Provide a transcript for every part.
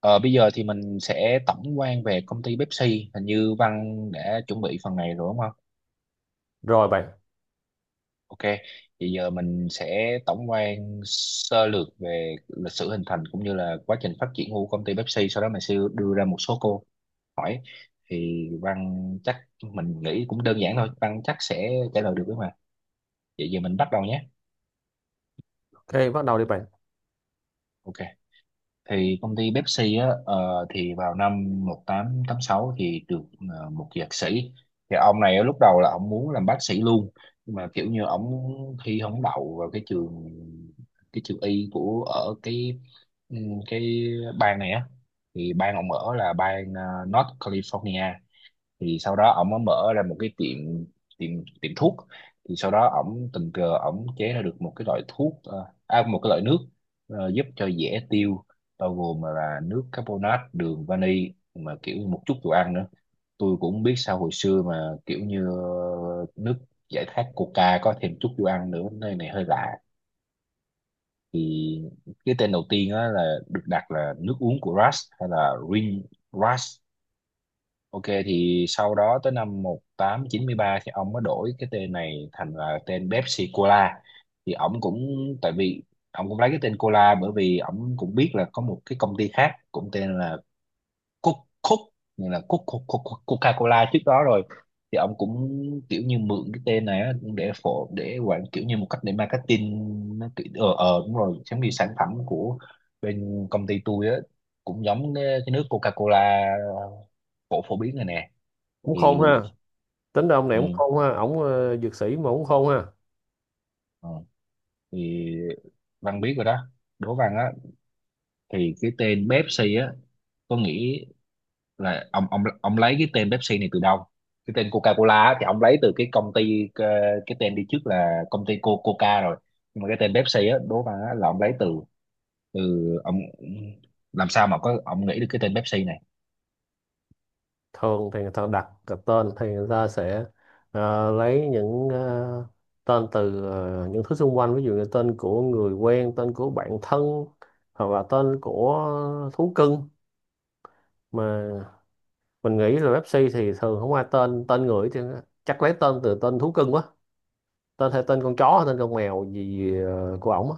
Ờ, bây giờ thì mình sẽ tổng quan về công ty Pepsi. Hình như Văn đã chuẩn bị phần này rồi, đúng không? Rồi bạn. Ok, thì giờ mình sẽ tổng quan sơ lược về lịch sử hình thành cũng như là quá trình phát triển của công ty Pepsi. Sau đó mình sẽ đưa ra một số câu hỏi. Thì Văn chắc mình nghĩ cũng đơn giản thôi. Văn chắc sẽ trả lời được đấy mà. Vậy giờ mình bắt đầu nhé. Ok, bắt đầu đi bạn. Ok, thì công ty Pepsi á, thì vào năm 1886 thì được, một dược sĩ. Thì ông này á, lúc đầu là ông muốn làm bác sĩ luôn, nhưng mà kiểu như ông thi không đậu vào cái trường y của ở ừ, cái bang này á. Thì bang ông ở là bang North California. Thì sau đó ổng mới mở ra một cái tiệm tiệm tiệm thuốc. Thì sau đó ổng tình cờ ổng chế ra được một cái loại thuốc, một cái loại nước giúp cho dễ tiêu, bao gồm là nước carbonate, đường vani mà kiểu như một chút đồ ăn nữa. Tôi cũng không biết sao hồi xưa mà kiểu như nước giải khát coca có thêm chút đồ ăn nữa nơi này hơi lạ. Thì cái tên đầu tiên á là được đặt là nước uống của rust hay là Ring rust. Ok, thì sau đó tới năm 1893 thì ông mới đổi cái tên này thành là tên Pepsi Cola. Thì ông cũng, tại vì ông cũng lấy cái tên Cola bởi vì ông cũng biết là có một cái công ty khác cũng tên là Coke Coke như là Coke, Coke, Coke, Coca-Cola trước đó rồi. Thì ông cũng kiểu như mượn cái tên này á, để quảng kiểu như một cách để marketing. Nó kiểu đúng rồi, giống như sản phẩm của bên công ty tôi á, cũng giống cái nước Coca-Cola phổ phổ biến rồi nè. Cũng khôn Thì ha. Tính ra ông này ừ. cũng khôn ha, ổng dược sĩ mà cũng khôn ha. Ờ. Thì Văn biết rồi đó. Đố Văn á, thì cái tên Pepsi á, có nghĩ là ông lấy cái tên Pepsi này từ đâu. Cái tên Coca-Cola á, thì ông lấy từ cái công ty, cái tên đi trước là công ty Coca rồi. Nhưng mà cái tên Pepsi á, Đố Văn á, là ông lấy từ từ ông làm sao mà có ông nghĩ được cái tên Pepsi này. Thường thì người ta đặt cái tên thì người ta sẽ lấy những tên từ những thứ xung quanh, ví dụ như tên của người quen, tên của bạn thân, hoặc là tên của thú cưng. Mà mình nghĩ là Pepsi thì thường không ai tên, người thì chắc lấy tên từ tên thú cưng quá. Tên hay tên con chó hay tên con mèo gì của ổng á.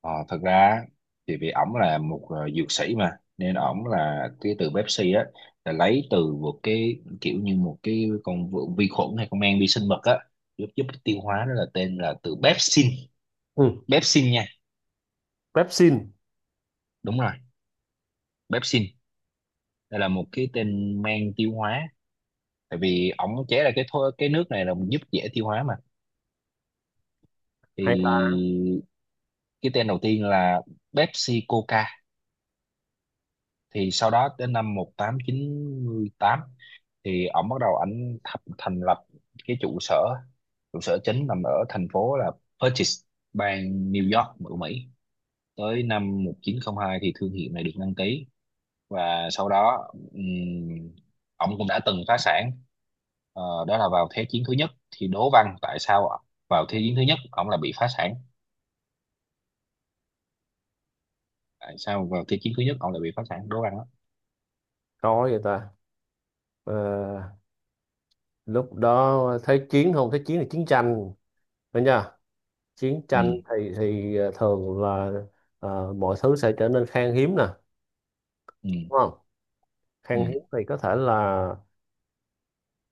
Ờ, thật ra thì vì ổng là một dược sĩ mà, nên ổng là cái từ Pepsi á là lấy từ một cái kiểu như một cái con vi vi khuẩn hay con men vi sinh vật á, giúp giúp tiêu hóa đó là tên là từ pepsin. Ừ. Pepsin nha. Pepsin. Đúng rồi, pepsin, đây là một cái tên men tiêu hóa. Tại vì ổng chế ra cái thô, cái nước này là giúp dễ tiêu hóa mà. Hay ta. Thì cái tên đầu tiên là Pepsi Coca. Thì sau đó đến năm 1898 thì ổng bắt đầu thành lập cái trụ sở chính nằm ở thành phố là Purchase, bang New York của Mỹ. Tới năm 1902 thì thương hiệu này được đăng ký, và sau đó ổng cũng đã từng phá sản. Đó là vào Thế chiến thứ nhất. Thì đố Văn tại sao vào Thế chiến thứ nhất ổng là bị phá sản, tại sao vào Thế chiến thứ nhất ổng lại bị phá sản, đố Văn đó. Coi vậy ta. Ờ, lúc đó thế chiến, không, thế chiến là chiến tranh phải nha. Chiến Ừ, tranh thì thường là mọi thứ sẽ trở nên khan hiếm nè, ừ, đúng không? ừ, Khan hiếm thì có thể là,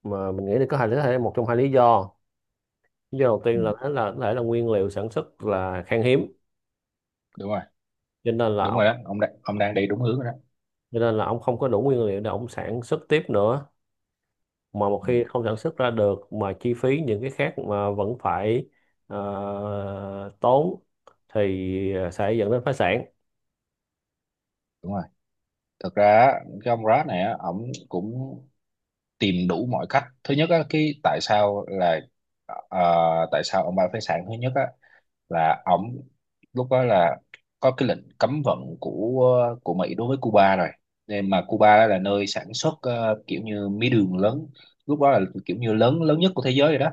mà mình nghĩ là có hai lý thể, một trong hai lý do. Lý do đầu ừ, tiên là thế, là có thể là nguyên liệu sản xuất là khan hiếm. đúng rồi, Cho nên là đúng rồi ông, đó, ông đang đi đúng hướng rồi đó. cho nên là ông không có đủ nguyên liệu để ông sản xuất tiếp nữa. Mà một Ừ, khi không sản xuất ra được mà chi phí những cái khác mà vẫn phải tốn thì sẽ dẫn đến phá sản. đúng rồi. Thực ra á, cái ông Brad này á, ổng cũng tìm đủ mọi cách. Thứ nhất á, cái tại sao là ờ, tại sao ông Buffett sản thứ nhất á là ổng lúc đó là có cái lệnh cấm vận của Mỹ đối với Cuba rồi, nên mà Cuba là nơi sản xuất kiểu như mía đường lớn, lúc đó là kiểu như lớn lớn nhất của thế giới rồi đó.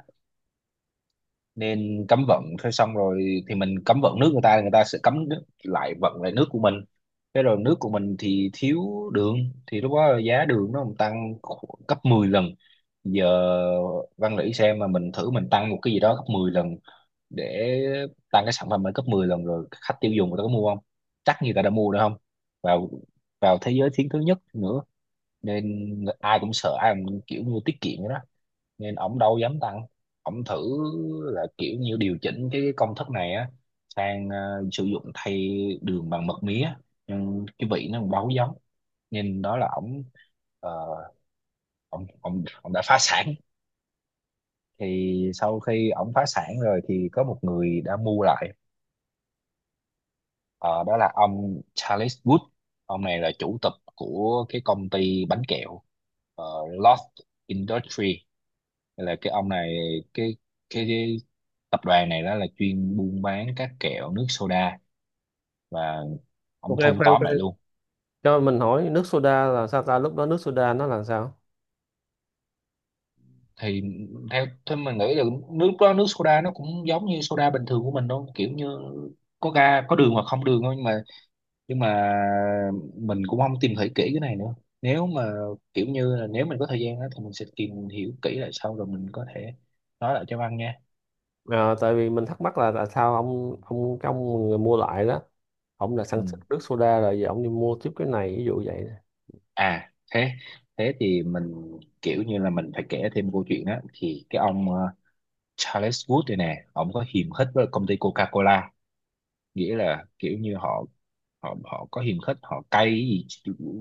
Nên cấm vận thế xong rồi thì mình cấm vận nước người ta thì người ta sẽ cấm nước, lại vận lại nước của mình. Thế rồi nước của mình thì thiếu đường, thì lúc đó giá đường nó còn tăng gấp 10 lần. Giờ Văn Lĩ xem mà mình thử mình tăng một cái gì đó gấp 10 lần để tăng cái sản phẩm lên gấp 10 lần rồi khách tiêu dùng người ta có mua không, chắc người ta đã mua được không. Vào vào thế giới thiến thứ nhất nữa, nên ai cũng sợ, ai cũng kiểu như tiết kiệm vậy đó, nên ổng đâu dám tăng. Ổng thử là kiểu như điều chỉnh cái công thức này á sang sử dụng thay đường bằng mật mía, nhưng cái vị nó còn đâu có giống. Nhìn đó là ổng ờ, ổng ổng ổng đã phá sản. Thì sau khi ổng phá sản rồi thì có một người đã mua lại. Ờ, đó là ông Charles Wood. Ông này là chủ tịch của cái công ty bánh kẹo Lost Industry. Là cái ông này, cái cái tập đoàn này đó là chuyên buôn bán các kẹo nước soda, và ông Ok, thu khoan tóm khoan, lại luôn. cho mình hỏi nước soda là sao ta? Lúc đó nước soda nó là sao? Thì theo theo mình nghĩ là nước đó nước soda nó cũng giống như soda bình thường của mình thôi, kiểu như có ga có đường hoặc không đường thôi, nhưng mà mình cũng không tìm hiểu kỹ cái này nữa. Nếu mà kiểu như là nếu mình có thời gian đó, thì mình sẽ tìm hiểu kỹ lại sau rồi mình có thể nói lại cho Văn nha. À, tại vì mình thắc mắc là tại sao ông, cái ông người mua lại đó, ông là sản Ừ. xuất nước soda rồi giờ ông đi mua tiếp cái này, ví dụ vậy. À thế thế thì mình kiểu như là mình phải kể thêm câu chuyện đó. Thì cái ông Charles Wood đây nè, ông có hiềm khích với công ty Coca-Cola, nghĩa là kiểu như họ, họ có hiềm khích, họ cay cái gì.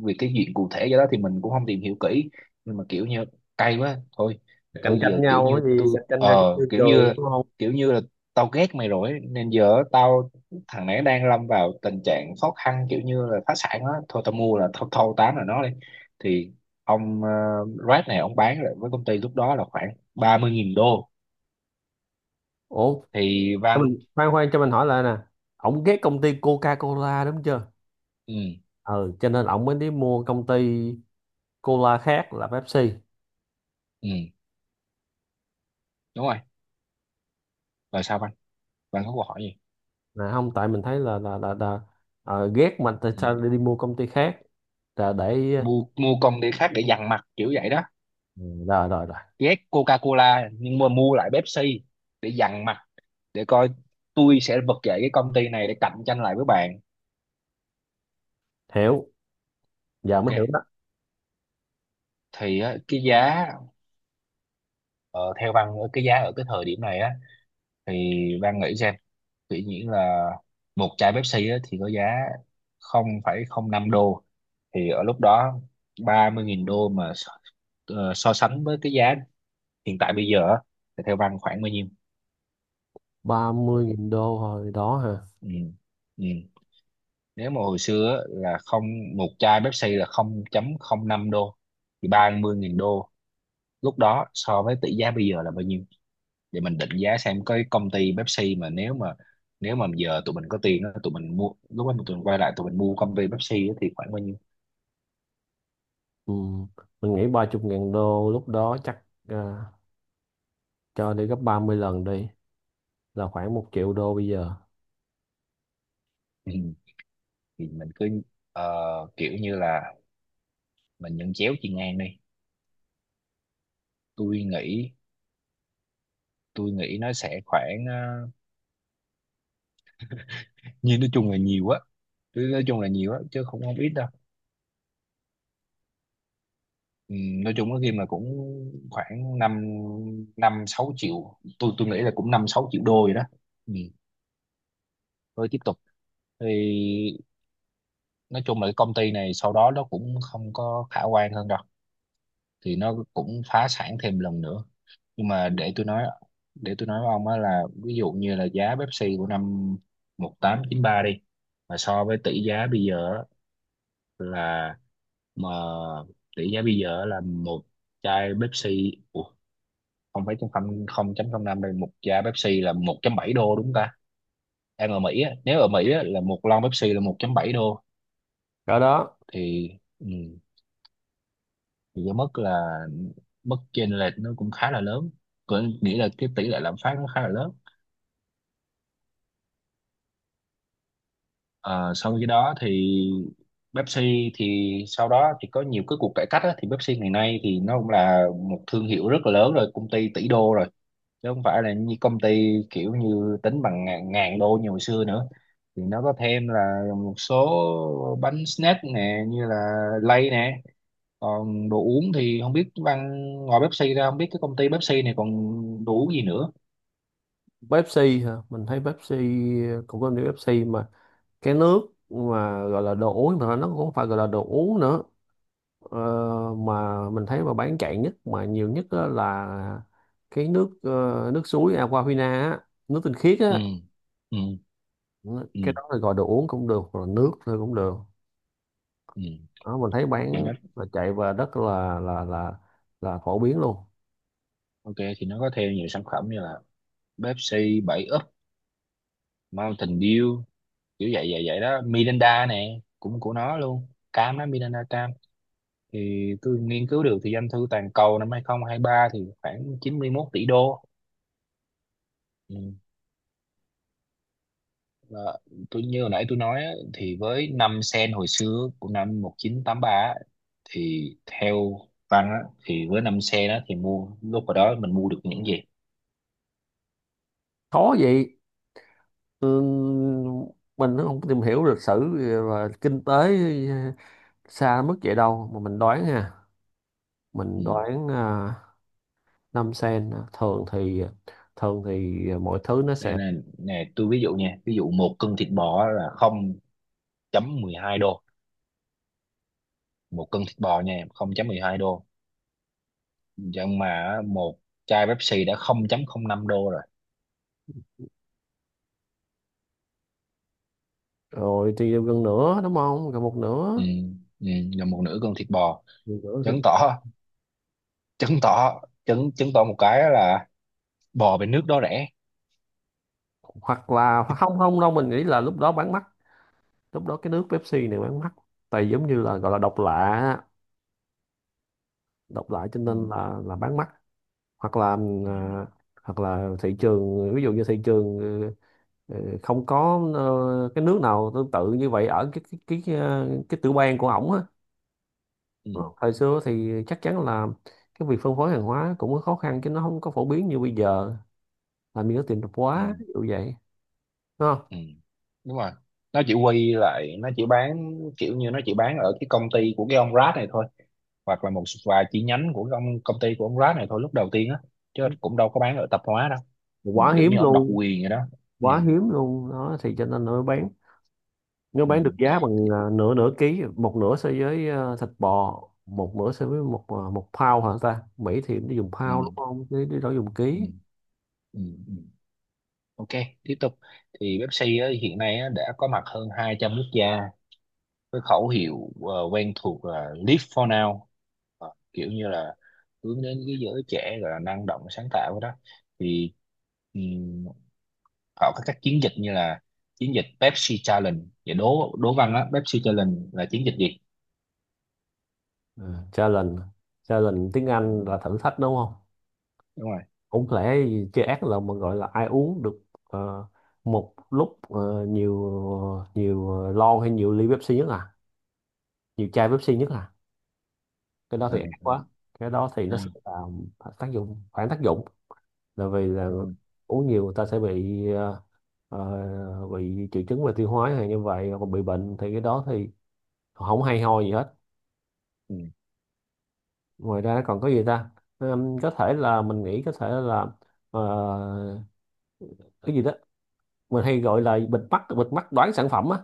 Vì cái chuyện cụ thể cho đó thì mình cũng không tìm hiểu kỹ, nhưng mà kiểu như cay quá thôi. Cạnh Tôi tranh giờ kiểu nhau như cái gì, tôi, cạnh tranh nhau cái môi kiểu trường như đúng không? kiểu như là tao ghét mày rồi ấy, nên giờ tao, thằng này đang lâm vào tình trạng khó khăn kiểu như là phá sản á, thôi tao mua là thâu thâu tán là nó đi. Thì ông Red này ông bán lại với công ty lúc đó là khoảng 30.000 đô. Ủa, Thì cho Văn. mình khoan khoan, cho mình hỏi lại nè. Ông ghét công ty Coca-Cola đúng chưa? Ừ, Ừ, cho nên ông mới đi mua công ty cola khác là Pepsi. ừ, đúng rồi, rồi sao bạn bạn có câu hỏi gì. Nè, không, tại mình thấy là, là ghét mà tại Ừ. sao lại đi mua công ty khác là để. mua mua con đĩa khác để dằn mặt kiểu vậy đó. Ừ, rồi rồi rồi. Ghét Coca-Cola nhưng mà mua lại Pepsi để dằn mặt, để coi, tôi sẽ vực dậy cái công ty này để cạnh tranh lại với bạn. Hiểu. Dạ, mới hiểu Ok, đó. thì á, cái giá, ờ, theo Văn, cái giá ở cái thời điểm này á, thì Văn nghĩ xem, tự nhiên là một chai Pepsi á, thì có giá 0,05 đô. Thì ở lúc đó 30.000 đô mà so sánh với cái giá hiện tại bây giờ á, thì theo Văn khoảng bao nhiêu. Ba mươi nghìn đô hồi đó hả? Ừ. Ừ. Nếu mà hồi xưa á, là không một chai Pepsi là 0,05 đô, thì 30.000 đô lúc đó so với tỷ giá bây giờ là bao nhiêu, để mình định giá xem cái công ty Pepsi mà nếu mà, giờ tụi mình có tiền á, tụi mình mua lúc đó, tụi mình quay lại tụi mình mua công ty Pepsi á, thì khoảng bao nhiêu. Ừ. Mình nghĩ 30.000 đô lúc đó chắc, à, cho đi gấp 30 lần đi, là khoảng một triệu đô bây giờ. Ừ. Thì mình cứ ờ, kiểu như là mình nhận chéo chiên ngang đi. tôi nghĩ tôi nghĩ nó sẽ khoảng nhìn nói chung là nhiều á. Chứ nói chung là nhiều á chứ không không ít đâu. Ừ, nói chung có khi mà cũng khoảng năm năm sáu triệu, tôi nghĩ là cũng năm sáu triệu đô rồi đó. Ừ, rồi tiếp tục thì nói chung là cái công ty này sau đó nó cũng không có khả quan hơn đâu, thì nó cũng phá sản thêm lần nữa. Nhưng mà để tôi nói với ông á, là ví dụ như là giá Pepsi của năm 1893 đi, mà so với tỷ giá bây giờ á, là mà tỷ giá bây giờ là một chai Pepsi Ủa, không phải không không chấm không năm, đây một chai Pepsi là 1.7 đô đúng không ta? Đang ở Mỹ á, nếu ở Mỹ á, là một lon Pepsi là 1.7 đô. Ở đó. Thì ừ, thì cái mức là mức chênh lệch nó cũng khá là lớn, có nghĩa là cái tỷ lệ lạm phát nó khá là lớn. Ờ, sau khi đó thì Pepsi thì sau đó thì có nhiều cái cuộc cải cách á, thì Pepsi ngày nay thì nó cũng là một thương hiệu rất là lớn rồi, công ty tỷ đô rồi, chứ không phải là như công ty kiểu như tính bằng ngàn đô như hồi xưa nữa. Thì nó có thêm là một số bánh snack nè, như là lay nè. Còn đồ uống thì không biết Văn, ngoài Pepsi ra không biết cái công ty Pepsi này còn đồ uống gì nữa. Pepsi hả, mình thấy Pepsi cũng có nhiều Pepsi mà. Cái nước mà gọi là đồ uống mà nó cũng không phải gọi là đồ uống nữa. Ờ, mà mình thấy mà bán chạy nhất mà nhiều nhất á là cái nước nước suối Aquafina á, nước tinh khiết Ừ. á. Ừ. Ừ. Cái đó là gọi đồ uống cũng được hoặc là nước thôi cũng được. Ừ. Đó, mình thấy thì bán nó là chạy và rất là, là là phổ biến luôn. Ok, thì nó có thêm nhiều sản phẩm như là Pepsi, 7 Up, Mountain Dew, kiểu vậy vậy vậy đó. Miranda nè cũng của nó luôn, cam đó, Miranda cam. Thì tôi nghiên cứu được thì doanh thu toàn cầu năm 2023 thì khoảng 91 tỷ đô. Ừ. Và tôi như hồi nãy tôi nói á, thì với 5 sen hồi xưa của năm 1983 á, thì theo Văn á, thì với 5 sen đó thì mua lúc hồi đó mình mua được những gì? Khó vậy. Ừ, mình nó không tìm hiểu lịch sử và kinh tế xa mức vậy đâu, mà mình đoán ha. Ừ. Mình đoán à, 5 sen à, thường thì, thường thì mọi thứ nó Đây sẽ. là Nè tôi ví dụ nha, ví dụ một cân thịt bò là không chấm mười hai đô, một cân thịt bò nha, không chấm mười hai đô. Nhưng mà á, một chai Pepsi đã không chấm không năm đô rồi. Rồi thì gần nửa đúng không, gần một Ừ. nửa. Ừ. Là một nửa cân thịt bò. Gần nửa thì- Chứng tỏ, chứng tỏ chứng chứng tỏ một cái là bò bên nước đó rẻ. hoặc là, hoặc không không đâu, mình nghĩ là lúc đó bán mắc. Lúc đó cái nước Pepsi này bán mắc, tại giống như là gọi là độc lạ á. Độc lạ cho Ừ. nên là bán mắc. Hoặc là, Ừ. à, hoặc là thị trường, ví dụ như thị trường không có cái nước nào tương tự như vậy ở cái cái cái tiểu bang của ổng á. Ừ. Thời xưa thì chắc chắn là cái việc phân phối hàng hóa cũng có khó khăn chứ nó không có phổ biến như bây giờ, làm gì có tiền tạp Ừ. hóa ví dụ vậy, đúng không? Ừ. Đúng rồi, nó chỉ bán kiểu như nó chỉ bán ở cái công ty của cái ông Rad này thôi, hoặc là một vài chi nhánh của công công ty của ông Rad này thôi lúc đầu tiên á, chứ cũng đâu có bán ở tạp hóa đâu. Ừ, Quá kiểu hiếm như ông độc luôn. quyền vậy đó. Ừ. Quá hiếm luôn đó, thì cho nên nó mới bán. Nếu Ừ. bán được giá bằng nửa, nửa ký, một nửa so với thịt bò, một nửa so với một một pound hả ta? Mỹ thì nó dùng pound đúng Ừ. không? Chứ, chứ đó dùng Ừ. ký. Ừ. Ừ. Ok, tiếp tục. Thì Pepsi á, hiện nay á, đã có mặt hơn 200 quốc gia. Cái khẩu hiệu quen thuộc là Live for now. Ờ, kiểu như là hướng đến cái giới trẻ, gọi là năng động sáng tạo đó. Thì ừm, họ có các chiến dịch như là chiến dịch Pepsi Challenge. Và đố đố Văn á, Pepsi Challenge là chiến dịch gì? Ừ. Challenge, challenge tiếng Ừ, Anh là thử thách đúng không? đúng rồi. Cũng lẽ gì chơi ác là mà gọi là ai uống được một lúc nhiều, nhiều lon hay nhiều ly Pepsi nhất à? Nhiều chai Pepsi nhất à? Cái đó thì ác Ừ. Ừ. quá. Cái đó thì Ừ. nó sẽ làm tác dụng, phản tác dụng. Là vì là Rồi. uống nhiều người ta sẽ bị bị triệu chứng về tiêu hóa hay như vậy, còn bị bệnh thì cái đó thì không hay ho gì hết. Ừ. Ngoài ra còn có gì ta? Có thể là mình nghĩ có thể là ờ, cái gì đó mình hay gọi là bịt mắt, bịt mắt đoán sản phẩm á.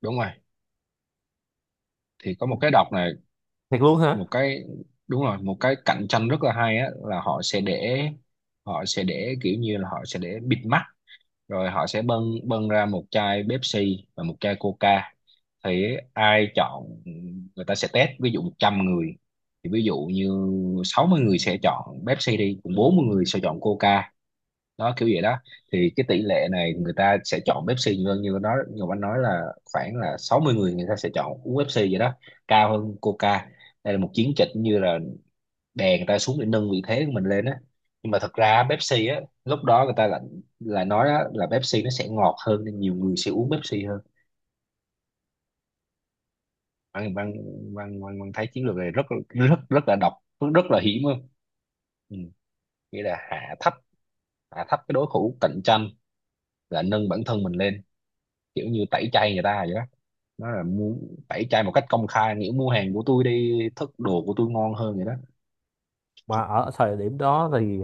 Đúng rồi, thì có một cái đọc này, Thiệt luôn hả? một cái, đúng rồi, một cái cạnh tranh rất là hay á, là họ sẽ để kiểu như là họ sẽ để bịt mắt, rồi họ sẽ bưng bưng ra một chai Pepsi và một chai Coca. Thì ai chọn, người ta sẽ test ví dụ 100 người, thì ví dụ như 60 người sẽ chọn Pepsi đi, còn 40 người sẽ chọn Coca, đó kiểu vậy đó. Thì cái tỷ lệ này người ta sẽ chọn Pepsi nhiều hơn, như nó như anh nói là khoảng là 60 người người ta sẽ chọn uống Pepsi vậy đó, cao hơn Coca. Đây là một chiến dịch như là đè người ta xuống để nâng vị thế của mình lên á. Nhưng mà thật ra Pepsi á lúc đó người ta lại là nói á, là Pepsi nó sẽ ngọt hơn nên nhiều người sẽ uống Pepsi hơn. Văn Văn Văn Văn Văn thấy chiến lược này rất rất rất là độc, rất là hiểm luôn. Ừ. Nghĩa là hạ thấp, hạ thấp cái đối thủ cạnh tranh là nâng bản thân mình lên, kiểu như tẩy chay người ta vậy đó. Nó là muốn tẩy chay một cách công khai, nghĩa mua hàng của tôi đi, thức đồ của tôi ngon hơn vậy đó. Mà ở thời điểm đó thì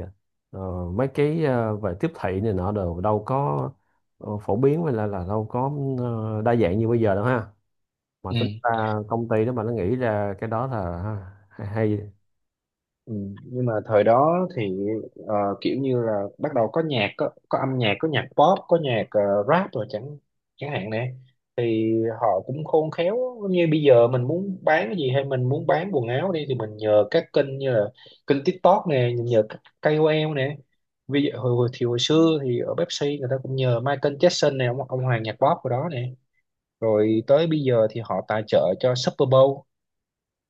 ờ, mấy cái về tiếp thị này nọ đều đâu có phổ biến hay là đâu có đa dạng như bây giờ đâu ha. Mà Ừ. tính ra công ty đó mà nó nghĩ ra cái đó là ha, hay, hay. Ừ, nhưng mà thời đó thì ờ, kiểu như là bắt đầu có có âm nhạc, có nhạc pop, có nhạc rap rồi chẳng chẳng hạn nè. Thì họ cũng khôn khéo, như bây giờ mình muốn bán cái gì hay mình muốn bán quần áo đi, thì mình nhờ các kênh như là kênh TikTok nè, nhờ các KOL nè. Ví dụ hồi xưa thì ở Pepsi người ta cũng nhờ Michael Jackson nè, ông hoàng nhạc pop của đó nè. Rồi tới bây giờ thì họ tài trợ cho Super Bowl,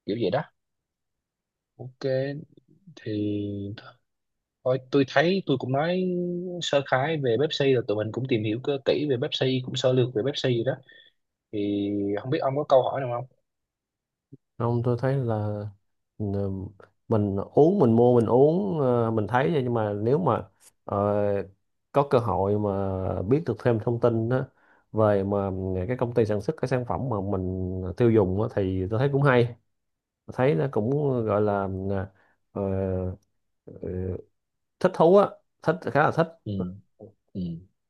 kiểu vậy đó. Ok, thì thôi tôi thấy tôi cũng nói sơ khái về Pepsi rồi, tụi mình cũng tìm hiểu cơ kỹ về Pepsi, cũng sơ lược về Pepsi rồi đó. Thì không biết ông có câu hỏi nào không? Không, tôi thấy là, ừ, mình uống, mình mua, mình uống, mình thấy vậy. Nhưng mà nếu mà ờ, có cơ hội mà biết được thêm thông tin đó về mà cái công ty sản xuất cái sản phẩm mà mình tiêu dùng á, thì tôi thấy cũng hay. Thấy nó cũng gọi là ờ, ờ, thích thú á, thích, khá là thích. Ừ. Ừ.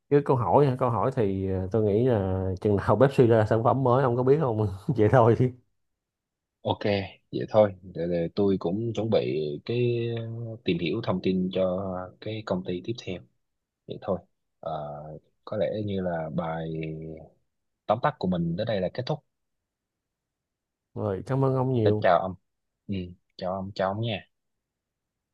Với câu hỏi hả? Câu hỏi thì tôi nghĩ là chừng nào Pepsi suy ra sản phẩm mới ông có biết không vậy thôi chứ. Ok, vậy thôi. Để tôi cũng chuẩn bị cái tìm hiểu thông tin cho cái công ty tiếp theo. Vậy thôi. Ờ, có lẽ như là bài tóm tắt của mình tới đây là kết thúc. Rồi, cảm ơn ông nhiều. Chào ông. Ừ, chào ông nha.